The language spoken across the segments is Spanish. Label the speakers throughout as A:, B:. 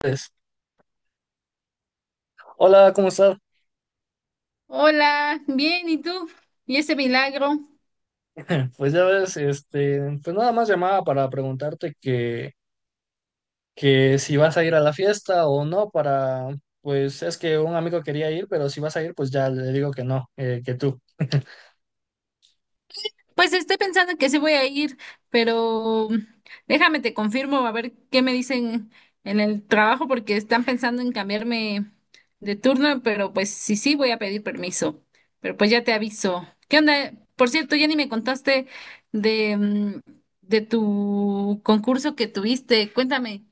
A: Pues. Hola, ¿cómo estás?
B: Hola, bien, ¿y tú? ¿Y ese milagro?
A: Pues ya ves, este, pues nada más llamaba para preguntarte que si vas a ir a la fiesta o no, para, pues es que un amigo quería ir, pero si vas a ir, pues ya le digo que no, que tú.
B: Pues estoy pensando que sí voy a ir, pero déjame te confirmo a ver qué me dicen en el trabajo porque están pensando en cambiarme de turno, pero pues sí, sí voy a pedir permiso. Pero pues ya te aviso. ¿Qué onda? Por cierto, ya ni me contaste de, de tu concurso que tuviste. Cuéntame.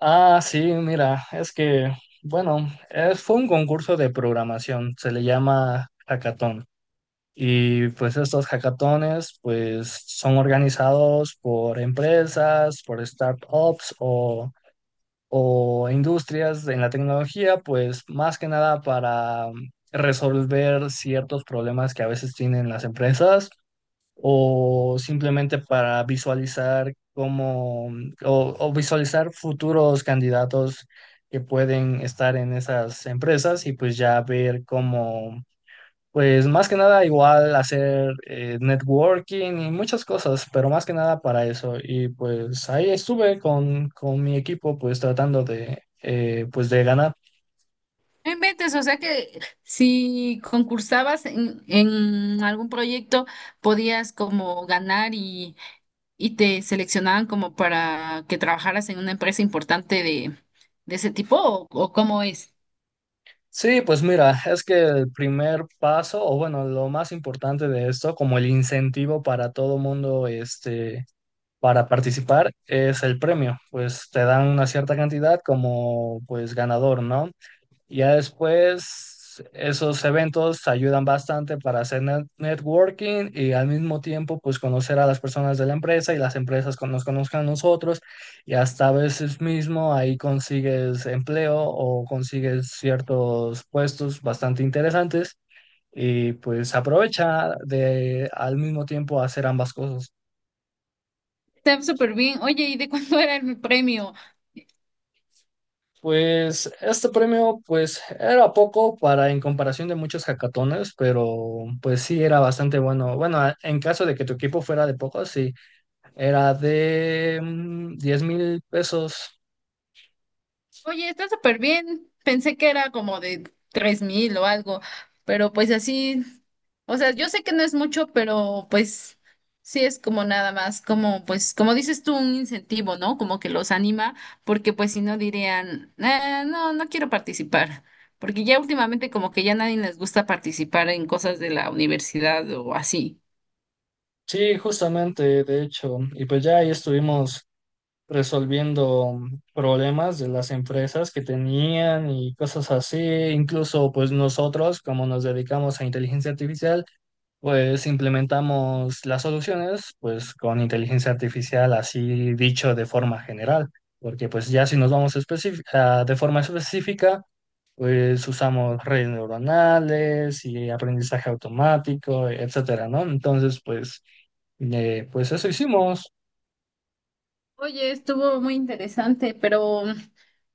A: Ah, sí, mira, es que, bueno, fue un concurso de programación, se le llama hackathon. Y pues estos hackatones, pues son organizados por empresas, por startups o industrias en la tecnología, pues más que nada para resolver ciertos problemas que a veces tienen las empresas o simplemente para visualizar cómo o visualizar futuros candidatos que pueden estar en esas empresas y pues ya ver cómo pues más que nada igual hacer networking y muchas cosas, pero más que nada para eso. Y pues ahí estuve con mi equipo pues tratando de pues de ganar.
B: No inventes, o sea que si concursabas en algún proyecto, podías como ganar y te seleccionaban como para que trabajaras en una empresa importante de ese tipo, o cómo es.
A: Sí, pues mira, es que el primer paso, o bueno, lo más importante de esto, como el incentivo para todo mundo, este, para participar, es el premio. Pues te dan una cierta cantidad como pues ganador, ¿no? Ya después, esos eventos ayudan bastante para hacer networking y al mismo tiempo, pues conocer a las personas de la empresa y las empresas nos conozcan a nosotros y hasta a veces mismo ahí consigues empleo o consigues ciertos puestos bastante interesantes y pues aprovecha de al mismo tiempo hacer ambas cosas.
B: Está súper bien. Oye, ¿y de cuánto era el premio?
A: Pues este premio pues era poco para en comparación de muchos hackatones, pero pues sí era bastante bueno. Bueno, en caso de que tu equipo fuera de poco, sí, era de 10 mil pesos.
B: Oye, está súper bien. Pensé que era como de 3 mil o algo, pero pues así, o sea, yo sé que no es mucho, pero pues sí es como nada más, como pues, como dices tú, un incentivo, ¿no? Como que los anima, porque pues si no dirían, "Ah, no, no quiero participar, porque ya últimamente como que ya nadie les gusta participar en cosas de la universidad o así."
A: Sí, justamente, de hecho. Y pues ya ahí estuvimos resolviendo problemas de las empresas que tenían y cosas así. Incluso pues nosotros, como nos dedicamos a inteligencia artificial, pues implementamos las soluciones pues con inteligencia artificial, así dicho de forma general, porque pues ya si nos vamos de forma específica, pues usamos redes neuronales y aprendizaje automático, etcétera, ¿no? Entonces, pues, pues eso hicimos.
B: Oye, estuvo muy interesante, pero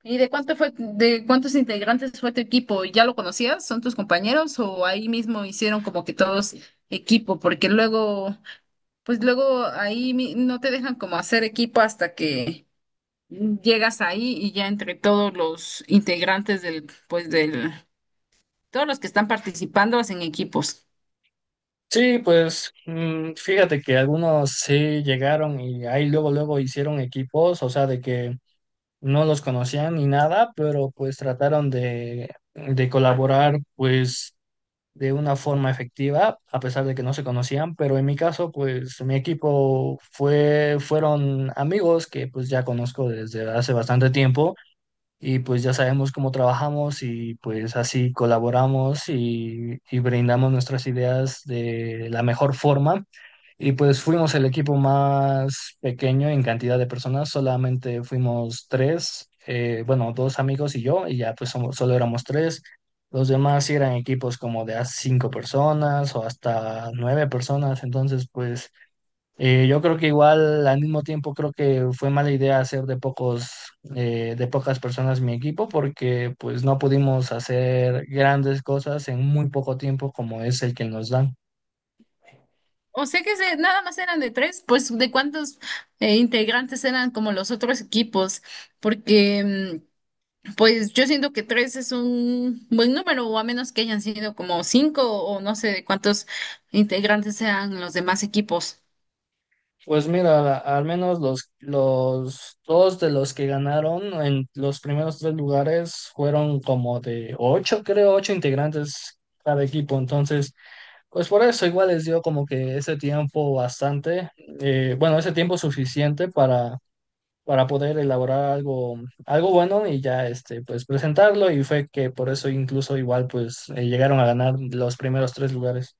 B: ¿y de cuánto fue, de cuántos integrantes fue tu equipo? ¿Ya lo conocías? ¿Son tus compañeros o ahí mismo hicieron como que todos equipo? Porque luego, pues luego ahí mi- no te dejan como hacer equipo hasta que llegas ahí y ya entre todos los integrantes del, pues del, todos los que están participando hacen equipos.
A: Sí, pues fíjate que algunos sí llegaron y ahí luego, luego hicieron equipos, o sea, de que no los conocían ni nada, pero pues trataron de colaborar pues de una forma efectiva, a pesar de que no se conocían, pero en mi caso pues mi equipo fueron amigos que pues ya conozco desde hace bastante tiempo y pues ya sabemos cómo trabajamos y pues así colaboramos y brindamos nuestras ideas de la mejor forma. Y pues fuimos el equipo más pequeño en cantidad de personas, solamente fuimos tres, bueno, dos amigos y yo, y ya pues somos, solo éramos tres. Los demás sí eran equipos como de a cinco personas o hasta nueve personas, entonces pues yo creo que igual al mismo tiempo creo que fue mala idea hacer de pocos de pocas personas mi equipo porque pues no pudimos hacer grandes cosas en muy poco tiempo como es el que nos dan.
B: O sea que se- nada más eran de tres, pues ¿de cuántos integrantes eran como los otros equipos? Porque, pues yo siento que tres es un buen número, o a menos que hayan sido como cinco o no sé de cuántos integrantes sean los demás equipos.
A: Pues mira, al menos los dos de los que ganaron en los primeros tres lugares fueron como de ocho, creo, ocho integrantes cada equipo. Entonces, pues por eso igual les dio como que ese tiempo bastante, bueno, ese tiempo suficiente para poder elaborar algo, algo bueno y ya este, pues presentarlo y fue que por eso incluso igual pues llegaron a ganar los primeros tres lugares.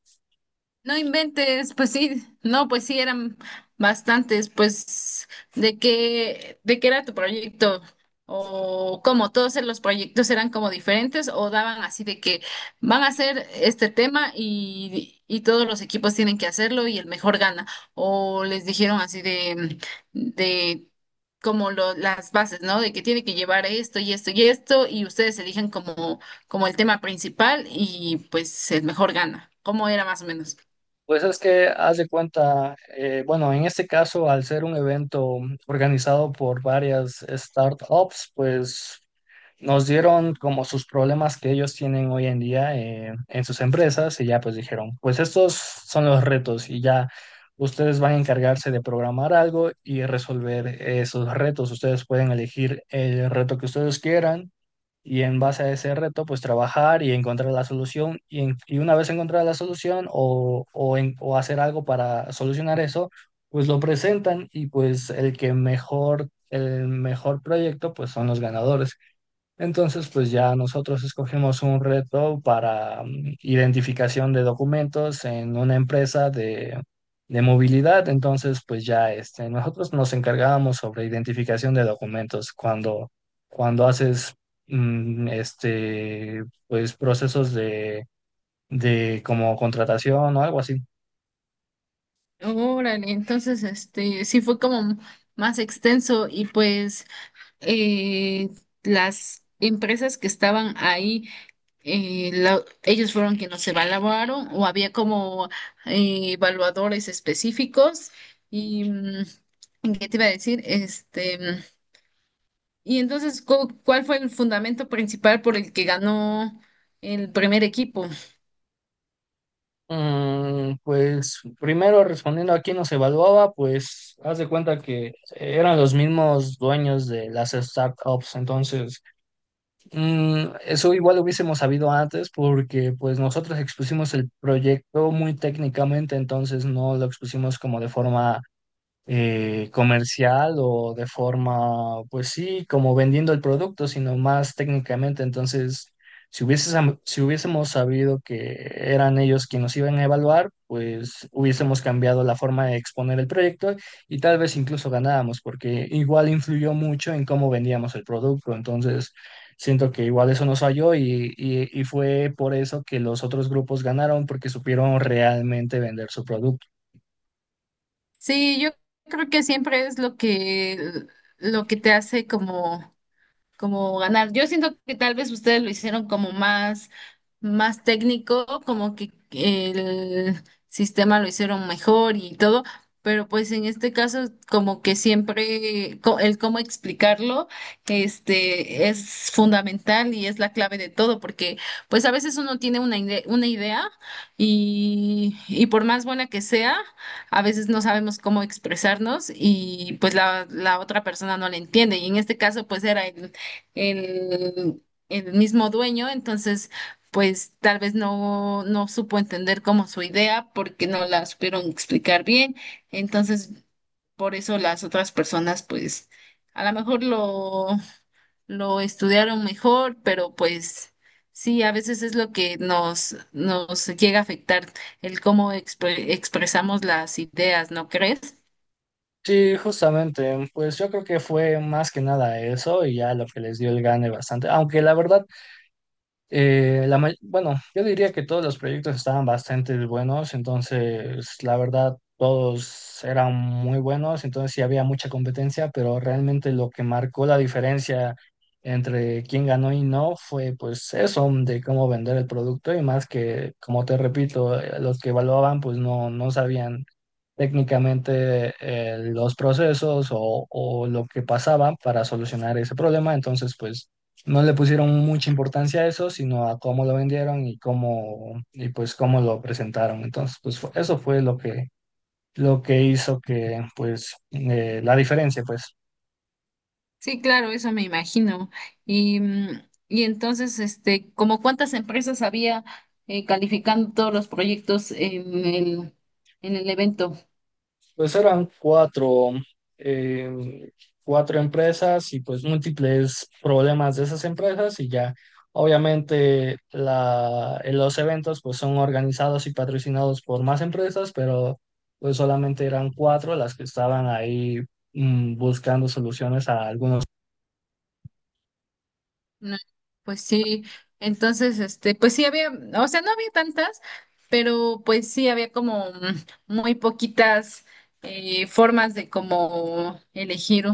B: No inventes, pues sí, no, pues sí, eran bastantes, pues, de qué era tu proyecto? O cómo todos los proyectos eran como diferentes o daban así de que van a hacer este tema y todos los equipos tienen que hacerlo y el mejor gana. O les dijeron así de como lo- las bases, ¿no? De que tiene que llevar esto y esto y esto y ustedes eligen como, como el tema principal y pues el mejor gana. ¿Cómo era más o menos?
A: Pues es que haz de cuenta, bueno, en este caso, al ser un evento organizado por varias startups, pues nos dieron como sus problemas que ellos tienen hoy en día en sus empresas y ya pues dijeron, pues estos son los retos y ya ustedes van a encargarse de programar algo y resolver esos retos. Ustedes pueden elegir el reto que ustedes quieran y en base a ese reto, pues trabajar y encontrar la solución. Y una vez encontrada la solución o hacer algo para solucionar eso, pues lo presentan y pues el que mejor, el mejor proyecto, pues son los ganadores. Entonces, pues ya nosotros escogimos un reto para identificación de documentos en una empresa de movilidad. Entonces, pues ya este, nosotros nos encargábamos sobre identificación de documentos cuando haces este, pues procesos de como contratación o algo así.
B: Órale, entonces este sí fue como más extenso y pues eh, las empresas que estaban ahí, la- ellos fueron quienes se evaluaron o había como evaluadores específicos y, ¿qué te iba a decir? Este, y entonces, cu- ¿cuál fue el fundamento principal por el que ganó el primer equipo?
A: Pues primero respondiendo a quién nos evaluaba, pues haz de cuenta que eran los mismos dueños de las startups, entonces eso igual lo hubiésemos sabido antes porque pues nosotros expusimos el proyecto muy técnicamente, entonces no lo expusimos como de forma comercial o de forma, pues sí, como vendiendo el producto, sino más técnicamente. Entonces, si si hubiésemos sabido que eran ellos quienes nos iban a evaluar, pues hubiésemos cambiado la forma de exponer el proyecto y tal vez incluso ganábamos, porque igual influyó mucho en cómo vendíamos el producto. Entonces, siento que igual eso nos falló y fue por eso que los otros grupos ganaron, porque supieron realmente vender su producto.
B: Sí, yo creo que siempre es lo que te hace como como ganar. Yo siento que tal vez ustedes lo hicieron como más, más técnico, como que el sistema lo hicieron mejor y todo, pero pues en este caso como que siempre co- el cómo explicarlo, este, es fundamental y es la clave de todo, porque pues a veces uno tiene una ide- una idea y por más buena que sea, a veces no sabemos cómo expresarnos y pues la otra persona no la entiende. Y en este caso pues era el, el mismo dueño, entonces pues tal vez no, no supo entender como su idea porque no la supieron explicar bien, entonces por eso las otras personas pues a lo mejor lo estudiaron mejor, pero pues sí, a veces es lo que nos, nos llega a afectar el cómo expre- expresamos las ideas, ¿no crees?
A: Sí, justamente, pues yo creo que fue más que nada eso y ya lo que les dio el gane bastante, aunque la verdad, bueno, yo diría que todos los proyectos estaban bastante buenos, entonces la verdad todos eran muy buenos, entonces sí había mucha competencia, pero realmente lo que marcó la diferencia entre quién ganó y no fue pues eso de cómo vender el producto y más que, como te repito, los que evaluaban pues no, no sabían técnicamente los procesos o lo que pasaba para solucionar ese problema. Entonces, pues no le pusieron mucha importancia a eso, sino a cómo lo vendieron y cómo, y pues cómo lo presentaron. Entonces, pues eso fue lo que hizo que, pues, la diferencia, pues.
B: Sí, claro, eso me imagino. Y, y entonces, este, ¿como cuántas empresas había calificando todos los proyectos en el evento?
A: Pues eran eh, cuatro empresas y pues múltiples problemas de esas empresas y ya obviamente la, en los eventos pues son organizados y patrocinados por más empresas, pero pues solamente eran cuatro las que estaban ahí buscando soluciones a algunos.
B: No, pues sí, entonces, este, pues sí había, o sea, no había tantas, pero pues sí había como muy poquitas formas de como elegir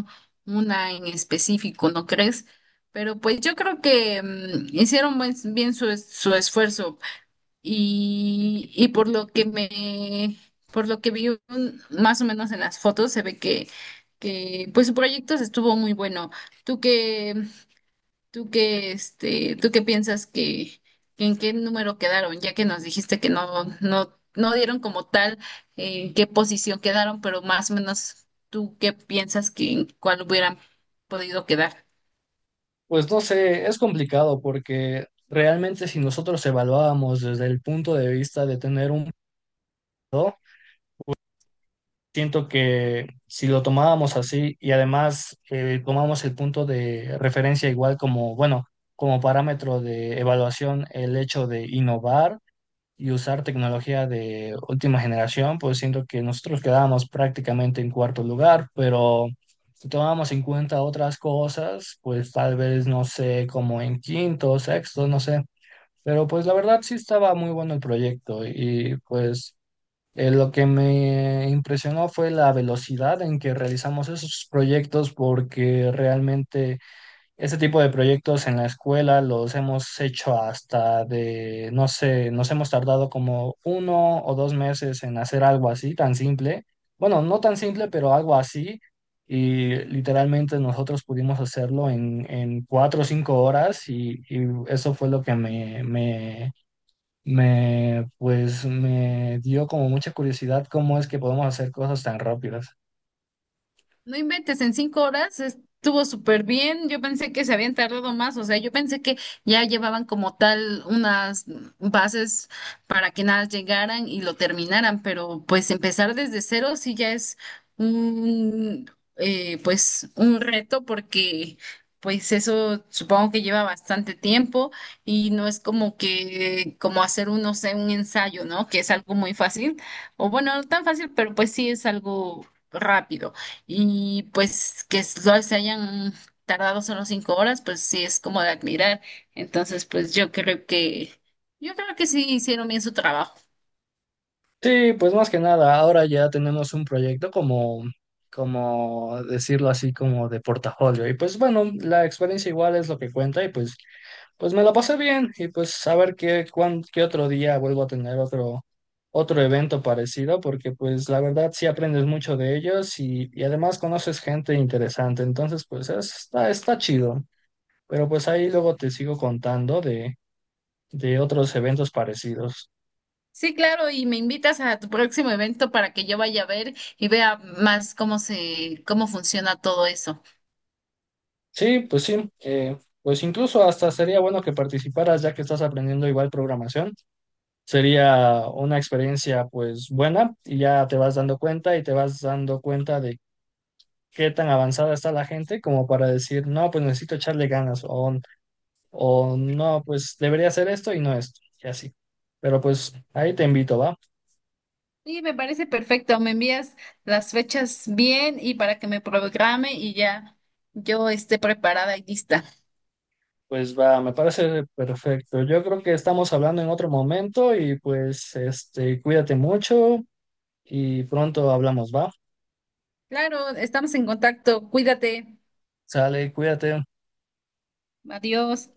B: una en específico, ¿no crees? Pero pues yo creo que hicieron buen- bien su, es- su esfuerzo. Y por lo que me, por lo que vi un- más o menos en las fotos, se ve que pues su proyecto se estuvo muy bueno. ¿Tú qué, tú qué, este, tú qué piensas que en qué número quedaron? Ya que nos dijiste que no, no, no dieron como tal en qué posición quedaron, pero más o menos tú qué piensas que en cuál hubieran podido quedar.
A: Pues no sé, es complicado porque realmente si nosotros evaluábamos desde el punto de vista de tener un siento que si lo tomábamos así y además tomamos el punto de referencia igual como, bueno, como parámetro de evaluación el hecho de innovar y usar tecnología de última generación, pues siento que nosotros quedábamos prácticamente en cuarto lugar, pero si tomábamos en cuenta otras cosas, pues tal vez, no sé, como en quinto, sexto, no sé. Pero pues la verdad sí estaba muy bueno el proyecto y pues... Lo que me impresionó fue la velocidad en que realizamos esos proyectos, porque realmente ese tipo de proyectos en la escuela los hemos hecho hasta de, no sé, nos hemos tardado como uno o dos meses en hacer algo así, tan simple. Bueno, no tan simple, pero algo así. Y literalmente nosotros pudimos hacerlo en, cuatro o cinco horas y eso fue lo que pues me dio como mucha curiosidad cómo es que podemos hacer cosas tan rápidas.
B: No inventes, en 5 horas estuvo súper bien. Yo pensé que se habían tardado más, o sea, yo pensé que ya llevaban como tal unas bases para que nada llegaran y lo terminaran, pero pues empezar desde cero sí ya es un, pues un reto porque pues eso supongo que lleva bastante tiempo y no es como que, como hacer un, no sé, un ensayo, ¿no? Que es algo muy fácil, o bueno, no tan fácil, pero pues sí es algo rápido. Y pues que solo se hayan tardado solo 5 horas, pues sí es como de admirar. Entonces, pues yo creo que sí hicieron bien su trabajo.
A: Sí, pues más que nada, ahora ya tenemos un proyecto como decirlo así, como de portafolio. Y pues bueno, la experiencia igual es lo que cuenta y pues, me lo pasé bien y pues a ver qué, qué otro día vuelvo a tener otro, otro evento parecido porque pues la verdad sí aprendes mucho de ellos y además conoces gente interesante. Entonces pues está, está chido. Pero pues ahí luego te sigo contando de otros eventos parecidos.
B: Sí, claro, y me invitas a tu próximo evento para que yo vaya a ver y vea más cómo se, cómo funciona todo eso.
A: Sí, pues sí. Pues incluso hasta sería bueno que participaras ya que estás aprendiendo igual programación. Sería una experiencia pues buena y ya te vas dando cuenta y te vas dando cuenta de qué tan avanzada está la gente como para decir, no, pues necesito echarle ganas o no, pues debería hacer esto y no esto y así. Pero pues ahí te invito, ¿va?
B: Sí, me parece perfecto. Me envías las fechas bien y para que me programe y ya yo esté preparada y lista.
A: Pues va, me parece perfecto. Yo creo que estamos hablando en otro momento y pues este, cuídate mucho y pronto hablamos, ¿va?
B: Claro, estamos en contacto. Cuídate.
A: Sale, cuídate.
B: Adiós.